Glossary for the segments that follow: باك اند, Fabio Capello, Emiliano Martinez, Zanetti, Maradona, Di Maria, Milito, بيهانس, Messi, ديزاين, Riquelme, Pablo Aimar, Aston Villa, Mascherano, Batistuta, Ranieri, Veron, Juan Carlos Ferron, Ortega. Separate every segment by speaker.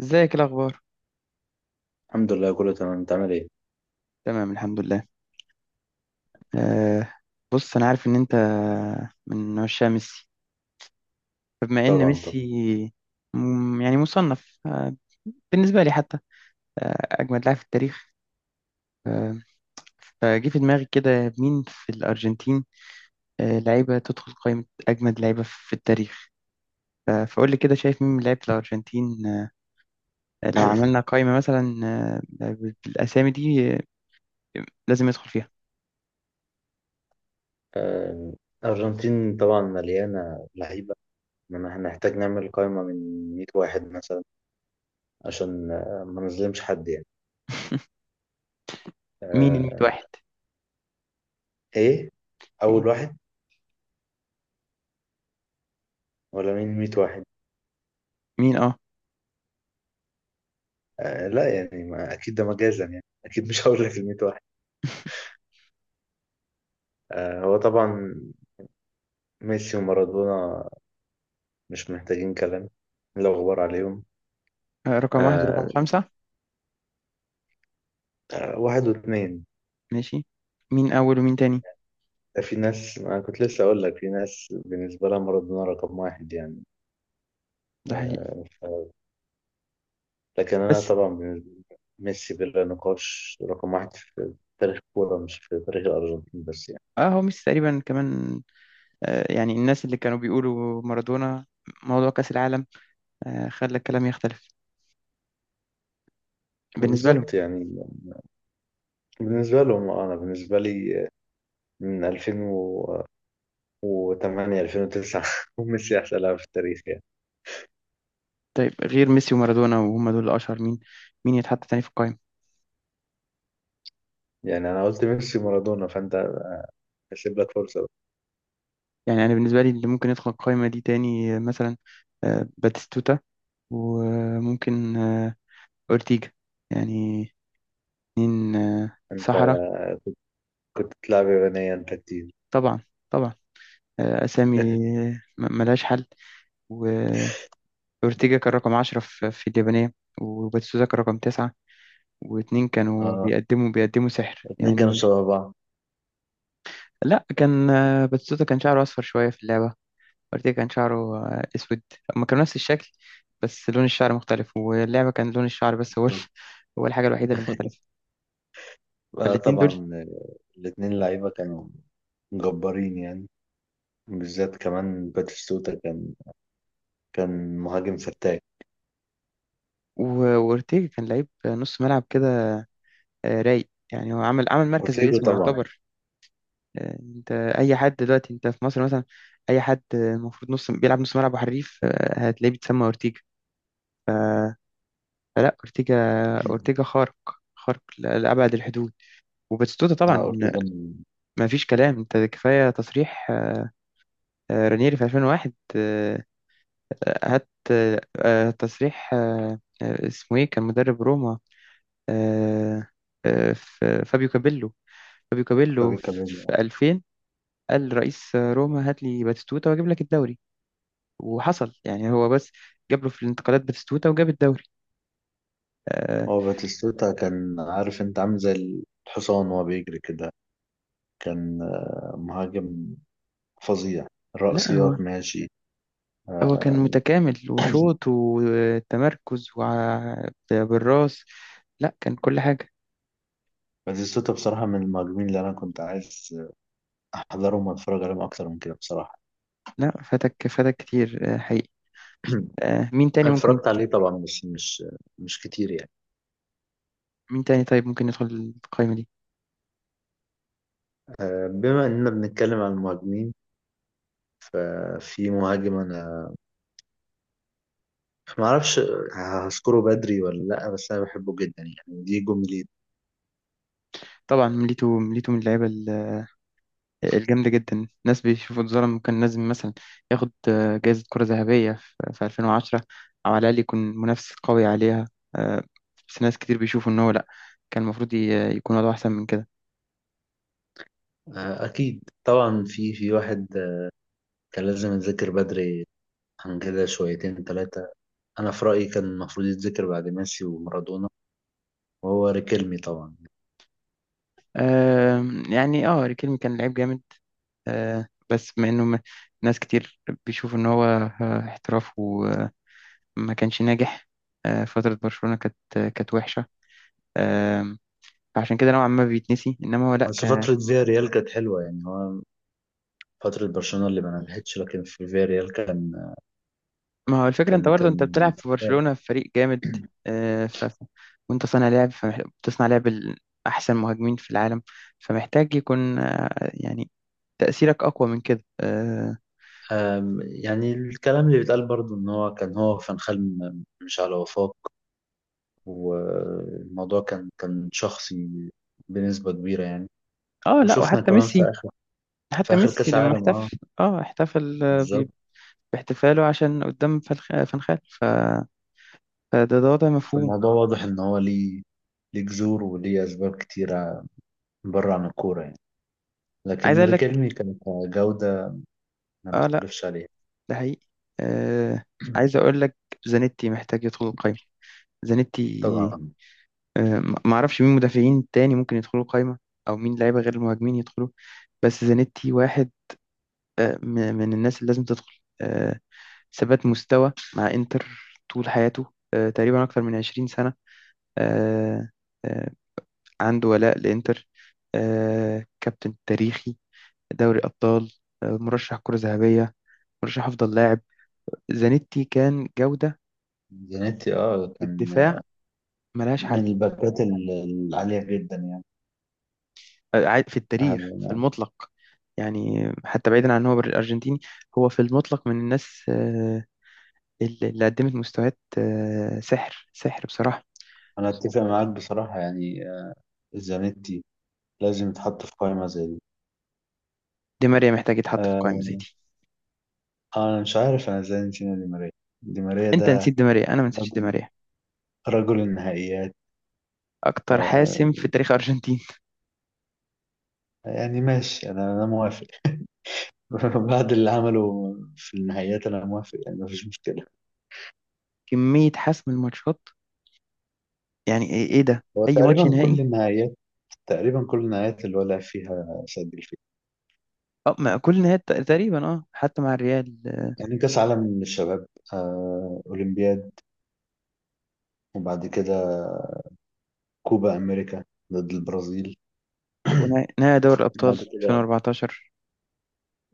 Speaker 1: ازيك، إيه الاخبار؟
Speaker 2: الحمد لله كله تمام، انت عامل ايه؟
Speaker 1: تمام، الحمد لله. أه بص، انا عارف ان انت من عشاق ميسي، فبما ان
Speaker 2: طبعا طبعا.
Speaker 1: ميسي يعني مصنف، بالنسبه لي حتى، اجمد لاعب في التاريخ. أه فجه في دماغي كده مين في الارجنتين، لعيبه تدخل قائمه اجمد لعيبه في التاريخ. فقول لي كده شايف مين من لعيبه الارجنتين، لو عملنا قائمه مثلا أه بالاسامي دي لازم يدخل فيها.
Speaker 2: آه، الارجنتين طبعا مليانه لعيبه، انما هنحتاج نعمل قائمه من 100 واحد مثلا عشان ما نظلمش حد يعني.
Speaker 1: مين الميت
Speaker 2: آه،
Speaker 1: واحد؟
Speaker 2: ايه،
Speaker 1: مين
Speaker 2: اول واحد ولا مين 100 واحد؟
Speaker 1: مين اه
Speaker 2: لا يعني، ما اكيد ده مجازا، يعني اكيد مش هقول لك ال 100 واحد. هو طبعا ميسي ومارادونا مش محتاجين كلام، لا غبار عليهم.
Speaker 1: آه، رقم واحد ورقم
Speaker 2: آه،
Speaker 1: خمسة.
Speaker 2: واحد واثنين.
Speaker 1: ماشي. مين أول ومين تاني؟
Speaker 2: في ناس، أنا كنت لسه أقول لك، في ناس بالنسبة لها مارادونا رقم واحد يعني.
Speaker 1: ده حقيقي.
Speaker 2: آه، ف- لكن أنا
Speaker 1: بس
Speaker 2: طبعا بالنسبة لي ميسي بلا نقاش رقم واحد في تاريخ الكورة، مش في تاريخ الأرجنتين بس يعني.
Speaker 1: اه هو ميسي تقريبا كمان. يعني الناس اللي كانوا بيقولوا مارادونا، موضوع كأس العالم خلى الكلام يختلف بالنسبة لهم.
Speaker 2: بالظبط يعني، بالنسبة لهم. أنا بالنسبة لي من 2008 2009 ميسي أحسن لاعب في التاريخ يعني.
Speaker 1: طيب، غير ميسي ومارادونا وهم دول الأشهر، مين؟ مين يتحط تاني في القائمة؟
Speaker 2: يعني أنا قلت ميسي مارادونا، فأنت هسيب لك فرصة بقى.
Speaker 1: يعني أنا بالنسبة لي اللي ممكن يدخل القائمة دي تاني مثلا باتيستوتا، وممكن أورتيجا. يعني اتنين
Speaker 2: أنت
Speaker 1: صحراء.
Speaker 2: كنت تلعب يابانية أنت كتير.
Speaker 1: طبعا طبعا. أسامي ملهاش حل. أورتيجا كان رقم 10 في اليابانية، وباتيستوتا كان رقم تسعة، واتنين كانوا
Speaker 2: اه،
Speaker 1: بيقدموا سحر
Speaker 2: الاثنين كانوا
Speaker 1: يعني.
Speaker 2: شبه بعض.
Speaker 1: لا، كان باتيستوتا كان شعره أصفر شوية في اللعبة، أورتيجا كان شعره أسود. هما كانوا نفس الشكل، بس لون الشعر مختلف، واللعبة كان لون الشعر بس، هو هو الحاجة الوحيدة اللي مختلفة.
Speaker 2: آه
Speaker 1: فالاتنين دول
Speaker 2: طبعا، الاثنين لعيبة كانوا جبارين يعني. بالذات كمان باتيستوتا كان مهاجم فتاك.
Speaker 1: و- وأورتيجا كان لعيب نص ملعب كده، رايق يعني. هو عمل مركز
Speaker 2: اورتيجو
Speaker 1: باسمه
Speaker 2: طبعا.
Speaker 1: يعتبر. انت، اي حد دلوقتي، انت في مصر مثلا، اي حد المفروض نص بيلعب نص ملعب وحريف، هتلاقيه بيتسمى اورتيجا. فلا، اورتيجا، اورتيجا خارق، خارق لابعد الحدود. وباتستوتا
Speaker 2: اه
Speaker 1: طبعا
Speaker 2: اورتيجو من
Speaker 1: ما فيش كلام. انت كفايه تصريح رانيري في 2001، هات تصريح اسمه ايه، كان مدرب روما، آه، فابيو كابيلو. فابيو كابيلو
Speaker 2: فابي
Speaker 1: في
Speaker 2: كامينو.
Speaker 1: 2000 قال: رئيس روما، هات لي باتستوتا واجيب لك الدوري، وحصل يعني. هو بس جاب له في الانتقالات باتيستوتا، وجاب الدوري. آه
Speaker 2: هو باتيستوتا كان عارف، انت عامل زي الحصان وهو بيجري كده، كان مهاجم فظيع،
Speaker 1: لا، هو
Speaker 2: رأسيات ماشي.
Speaker 1: هو كان متكامل، وشوط وتمركز بالراس. لا، كان كل حاجة.
Speaker 2: باتيستوتا بصراحة من المهاجمين اللي أنا كنت عايز أحضرهم وأتفرج عليهم أكتر من كده بصراحة.
Speaker 1: لا، فاتك فاتك كتير حقيقي. مين تاني
Speaker 2: أنا
Speaker 1: ممكن
Speaker 2: اتفرجت عليه طبعا بس مش كتير يعني.
Speaker 1: مين تاني طيب ممكن يدخل القائمة دي؟
Speaker 2: بما إننا بنتكلم عن المهاجمين، في مهاجم أنا ما اعرفش هشكره بدري ولا لا، بس انا بحبه جدا يعني، دي جملة.
Speaker 1: طبعا، ميليتو، ميليتو من اللعيبة الجامدة جدا. ناس بيشوفوا اتظلم، وكان لازم مثلا ياخد جايزة كرة ذهبية في 2010، أو على الأقل يكون منافس قوي عليها. آه، بس ناس كتير بيشوفوا إن هو لأ، كان المفروض يكون وضعه أحسن من كده.
Speaker 2: اكيد طبعا، في واحد كان لازم يتذكر بدري عن كده شويتين ثلاثة. انا في رأيي كان المفروض يتذكر بعد ميسي ومارادونا، وهو ريكيلمي طبعا.
Speaker 1: آه، يعني اه، ريكيلمي كان لعيب جامد. بس مع إنه ناس كتير بيشوفوا إن هو احتراف وما كانش ناجح. فترة برشلونة كانت كانت وحشة. آه، فعشان كده نوعا ما بيتنسي، إنما هو
Speaker 2: بس
Speaker 1: لأ.
Speaker 2: فترة فياريال كانت حلوة، يعني هو فترة برشلونة اللي ما نجحتش، لكن في فياريال كان
Speaker 1: ما هو الفكرة، انت
Speaker 2: كان
Speaker 1: برضه انت
Speaker 2: كان
Speaker 1: بتلعب في برشلونة
Speaker 2: فتاك.
Speaker 1: في فريق جامد، آه، ف... ف- وانت صانع لعب، فبتصنع لعب احسن مهاجمين في العالم، فمحتاج يكون يعني تأثيرك اقوى من كده اه.
Speaker 2: يعني الكلام اللي بيتقال برضه ان هو كان هو فان خال مش على وفاق، والموضوع كان شخصي بنسبة كبيرة يعني.
Speaker 1: لا،
Speaker 2: وشفنا
Speaker 1: وحتى
Speaker 2: كمان
Speaker 1: ميسي،
Speaker 2: في
Speaker 1: حتى
Speaker 2: آخر
Speaker 1: ميسي
Speaker 2: كأس
Speaker 1: لما
Speaker 2: العالم، اه،
Speaker 1: احتفل، اه احتفل
Speaker 2: بالظبط.
Speaker 1: باحتفاله عشان قدام فان خال. فده، ده وضع مفهوم.
Speaker 2: فالموضوع واضح إن هو ليه جذور وليه أسباب كتيرة بره عن الكورة يعني.
Speaker 1: عايز
Speaker 2: لكن
Speaker 1: اقول لك.
Speaker 2: ريكيرمي كان كجودة ما
Speaker 1: اه لا،
Speaker 2: نختلفش عليها.
Speaker 1: ده حقيقي. آه... عايز اقول لك، زانيتي محتاج يدخل القايمة. زانيتي.
Speaker 2: طبعا.
Speaker 1: ما ما اعرفش مين مدافعين تاني ممكن يدخلوا القايمة، او مين لعيبة غير المهاجمين يدخلوا، بس زانيتي واحد آه، م- من الناس اللي لازم تدخل. ثبات مستوى مع انتر طول حياته، تقريبا اكتر من 20 سنة. آه، آه، عنده ولاء لانتر، كابتن تاريخي، دوري ابطال، مرشح كرة ذهبية، مرشح افضل لاعب. زانيتي كان جودة.
Speaker 2: زانيتي اه كان
Speaker 1: الدفاع ملهاش حل.
Speaker 2: من الباكات العالية جدا يعني.
Speaker 1: في التاريخ في
Speaker 2: آه،
Speaker 1: المطلق، يعني حتى بعيدا عن ان هو ارجنتيني، هو في المطلق من الناس اللي قدمت مستويات سحر سحر بصراحة.
Speaker 2: أنا أتفق معاك بصراحة يعني. زانيتي لازم يتحط في قائمة زي دي.
Speaker 1: دي ماريا محتاج يتحط في قائمة
Speaker 2: آه،
Speaker 1: زي دي.
Speaker 2: انا مش عارف انا ازاي نسينا دي ماريا. دي ماريا
Speaker 1: انت نسيت
Speaker 2: ده
Speaker 1: دي ماريا، انا ما نسيتش دي
Speaker 2: رجل
Speaker 1: ماريا.
Speaker 2: رجل النهائيات.
Speaker 1: اكتر حاسم في تاريخ ارجنتين.
Speaker 2: يعني ماشي، انا موافق. بعد اللي عمله في النهائيات انا موافق يعني، مفيش مشكله.
Speaker 1: كمية حسم الماتشات، يعني ايه؟ إيه ده؟
Speaker 2: هو
Speaker 1: اي ماتش نهائي.
Speaker 2: تقريبا كل النهائيات اللي ولع فيها سجل فيها.
Speaker 1: اه، ما كل نهائي تقريبا، اه حتى مع الريال
Speaker 2: يعني كاس عالم للشباب، اولمبياد، وبعد كده كوبا امريكا ضد البرازيل.
Speaker 1: ونهائي نهائي دوري الابطال
Speaker 2: بعد كده
Speaker 1: 2014.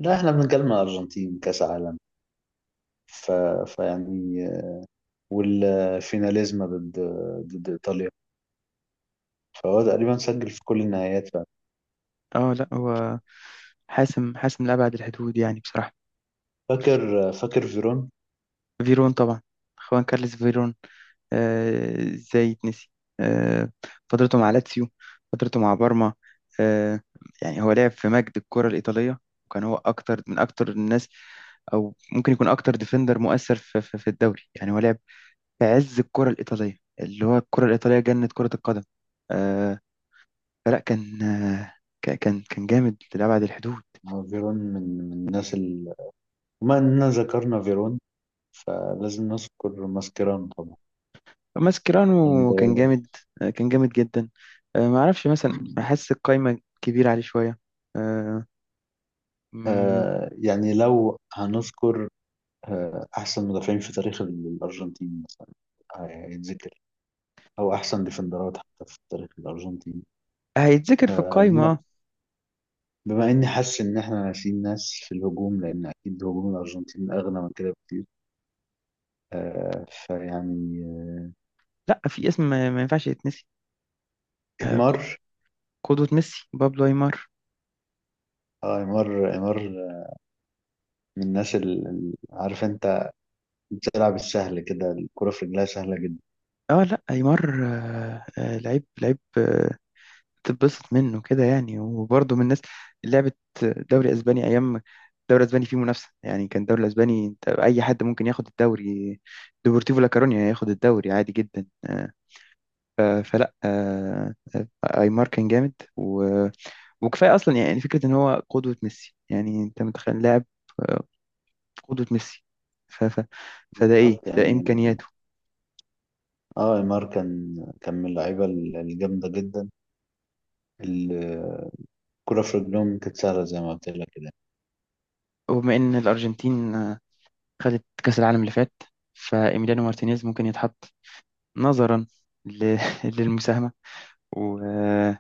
Speaker 2: لا، احنا بنتكلم على الارجنتين، كاس عالم. ف... فيعني والفيناليزما ضد ايطاليا. فهو تقريبا سجل في كل النهايات بقى.
Speaker 1: اه لا، هو حاسم حاسم لأبعد الحدود يعني بصراحة.
Speaker 2: فاكر فيرون.
Speaker 1: فيرون طبعا، خوان كارلس فيرون. ازاي يتنسي؟ آه، فترته مع لاتسيو، فترته مع بارما. آه، يعني هو لعب في مجد الكرة الإيطالية، وكان هو أكتر، من أكتر الناس، أو ممكن يكون أكتر ديفندر مؤثر في, الدوري. يعني هو لعب في عز الكرة الإيطالية، اللي هو الكرة الإيطالية جنة كرة القدم. آه، فلا، كان كان جامد لأبعد الحدود.
Speaker 2: فيرون من الناس. بما اننا ذكرنا فيرون، فلازم نذكر ماسكيران طبعا. ولا انت
Speaker 1: ماسكيرانو
Speaker 2: إيه
Speaker 1: كان جامد.
Speaker 2: رأيك؟
Speaker 1: كان جامد جدا. ما اعرفش مثلا، احس القايمه كبيره عليه شويه. آه، مم،
Speaker 2: يعني، لو هنذكر احسن مدافعين في تاريخ الارجنتين مثلا هيتذكر، او احسن ديفندرات حتى في تاريخ الارجنتين.
Speaker 1: هيتذكر في
Speaker 2: آه
Speaker 1: القايمه
Speaker 2: بما, بما اني حاسس ان احنا ناسيين ناس في الهجوم، لان اكيد هجوم الارجنتين اغنى من كده بكتير. فيعني
Speaker 1: لا، في اسم ما ما ينفعش يتنسي، آه، ق-
Speaker 2: نيمار.
Speaker 1: قدوة ميسي، بابلو ايمار.
Speaker 2: اه، عمار من الناس اللي عارف انت بتلعب السهل كده، الكرة في رجلها سهلة جدا.
Speaker 1: اه لا، ايمار لعيب تتبسط منه كده يعني. وبرضه من الناس اللي لعبت دوري اسباني، ايام الدوري الاسباني فيه منافسه يعني. كان الدوري الاسباني، انت اي حد ممكن ياخد الدوري، ديبورتيفو لا كورونيا ياخد الدوري عادي جدا. فلا، ايمار كان جامد وكفايه اصلا يعني فكره ان هو قدوه ميسي. يعني انت متخيل لاعب آه، قدوه ميسي، ف... ف... فده ايه
Speaker 2: بالظبط
Speaker 1: ده
Speaker 2: يعني.
Speaker 1: امكانياته.
Speaker 2: اه عمار كان من اللعيبة الجامدة جدا. ال- الكرة في رجلهم كانت سهلة زي ما قلت لك كده.
Speaker 1: وبما ان الارجنتين خدت كاس العالم اللي فات، فايميليانو مارتينيز ممكن يتحط نظرا ل... للمساهمه و... آه،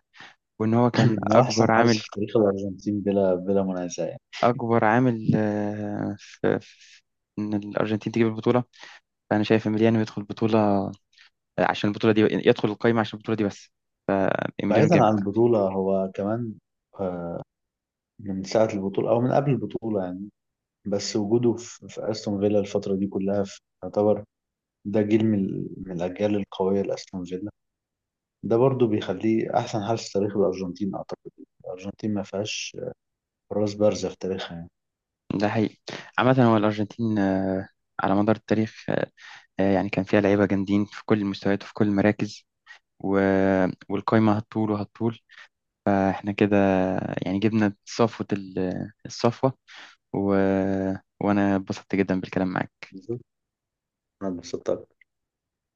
Speaker 1: وان هو كان
Speaker 2: هو
Speaker 1: اكبر
Speaker 2: أحسن حارس
Speaker 1: عامل.
Speaker 2: في تاريخ الأرجنتين بلا منازع يعني.
Speaker 1: اكبر عامل في ان الارجنتين تجيب البطوله، فانا شايف ايميليانو يدخل البطوله عشان البطولة دي، يدخل القايمة عشان البطولة دي بس. إيميليانو
Speaker 2: بعيدا
Speaker 1: جامد.
Speaker 2: عن البطولة هو كمان آه، من ساعة البطولة أو من قبل البطولة يعني. بس وجوده في أستون فيلا الفترة دي كلها يعتبر ده جيل من الأجيال القوية لأستون فيلا. ده برضو بيخليه احسن حارس في تاريخ الارجنتين اعتقد. الارجنتين ما فيهاش حراس بارزة في تاريخها يعني.
Speaker 1: ده حقيقي. عامة هو الأرجنتين على مدار التاريخ، يعني كان فيها لعيبة جامدين في كل المستويات وفي كل المراكز و... والقايمة هتطول وهتطول. فإحنا كده يعني جبنا صفوة الصفوة، و... وأنا اتبسطت جدا بالكلام معاك.
Speaker 2: بالظبط، انا اتبسطت.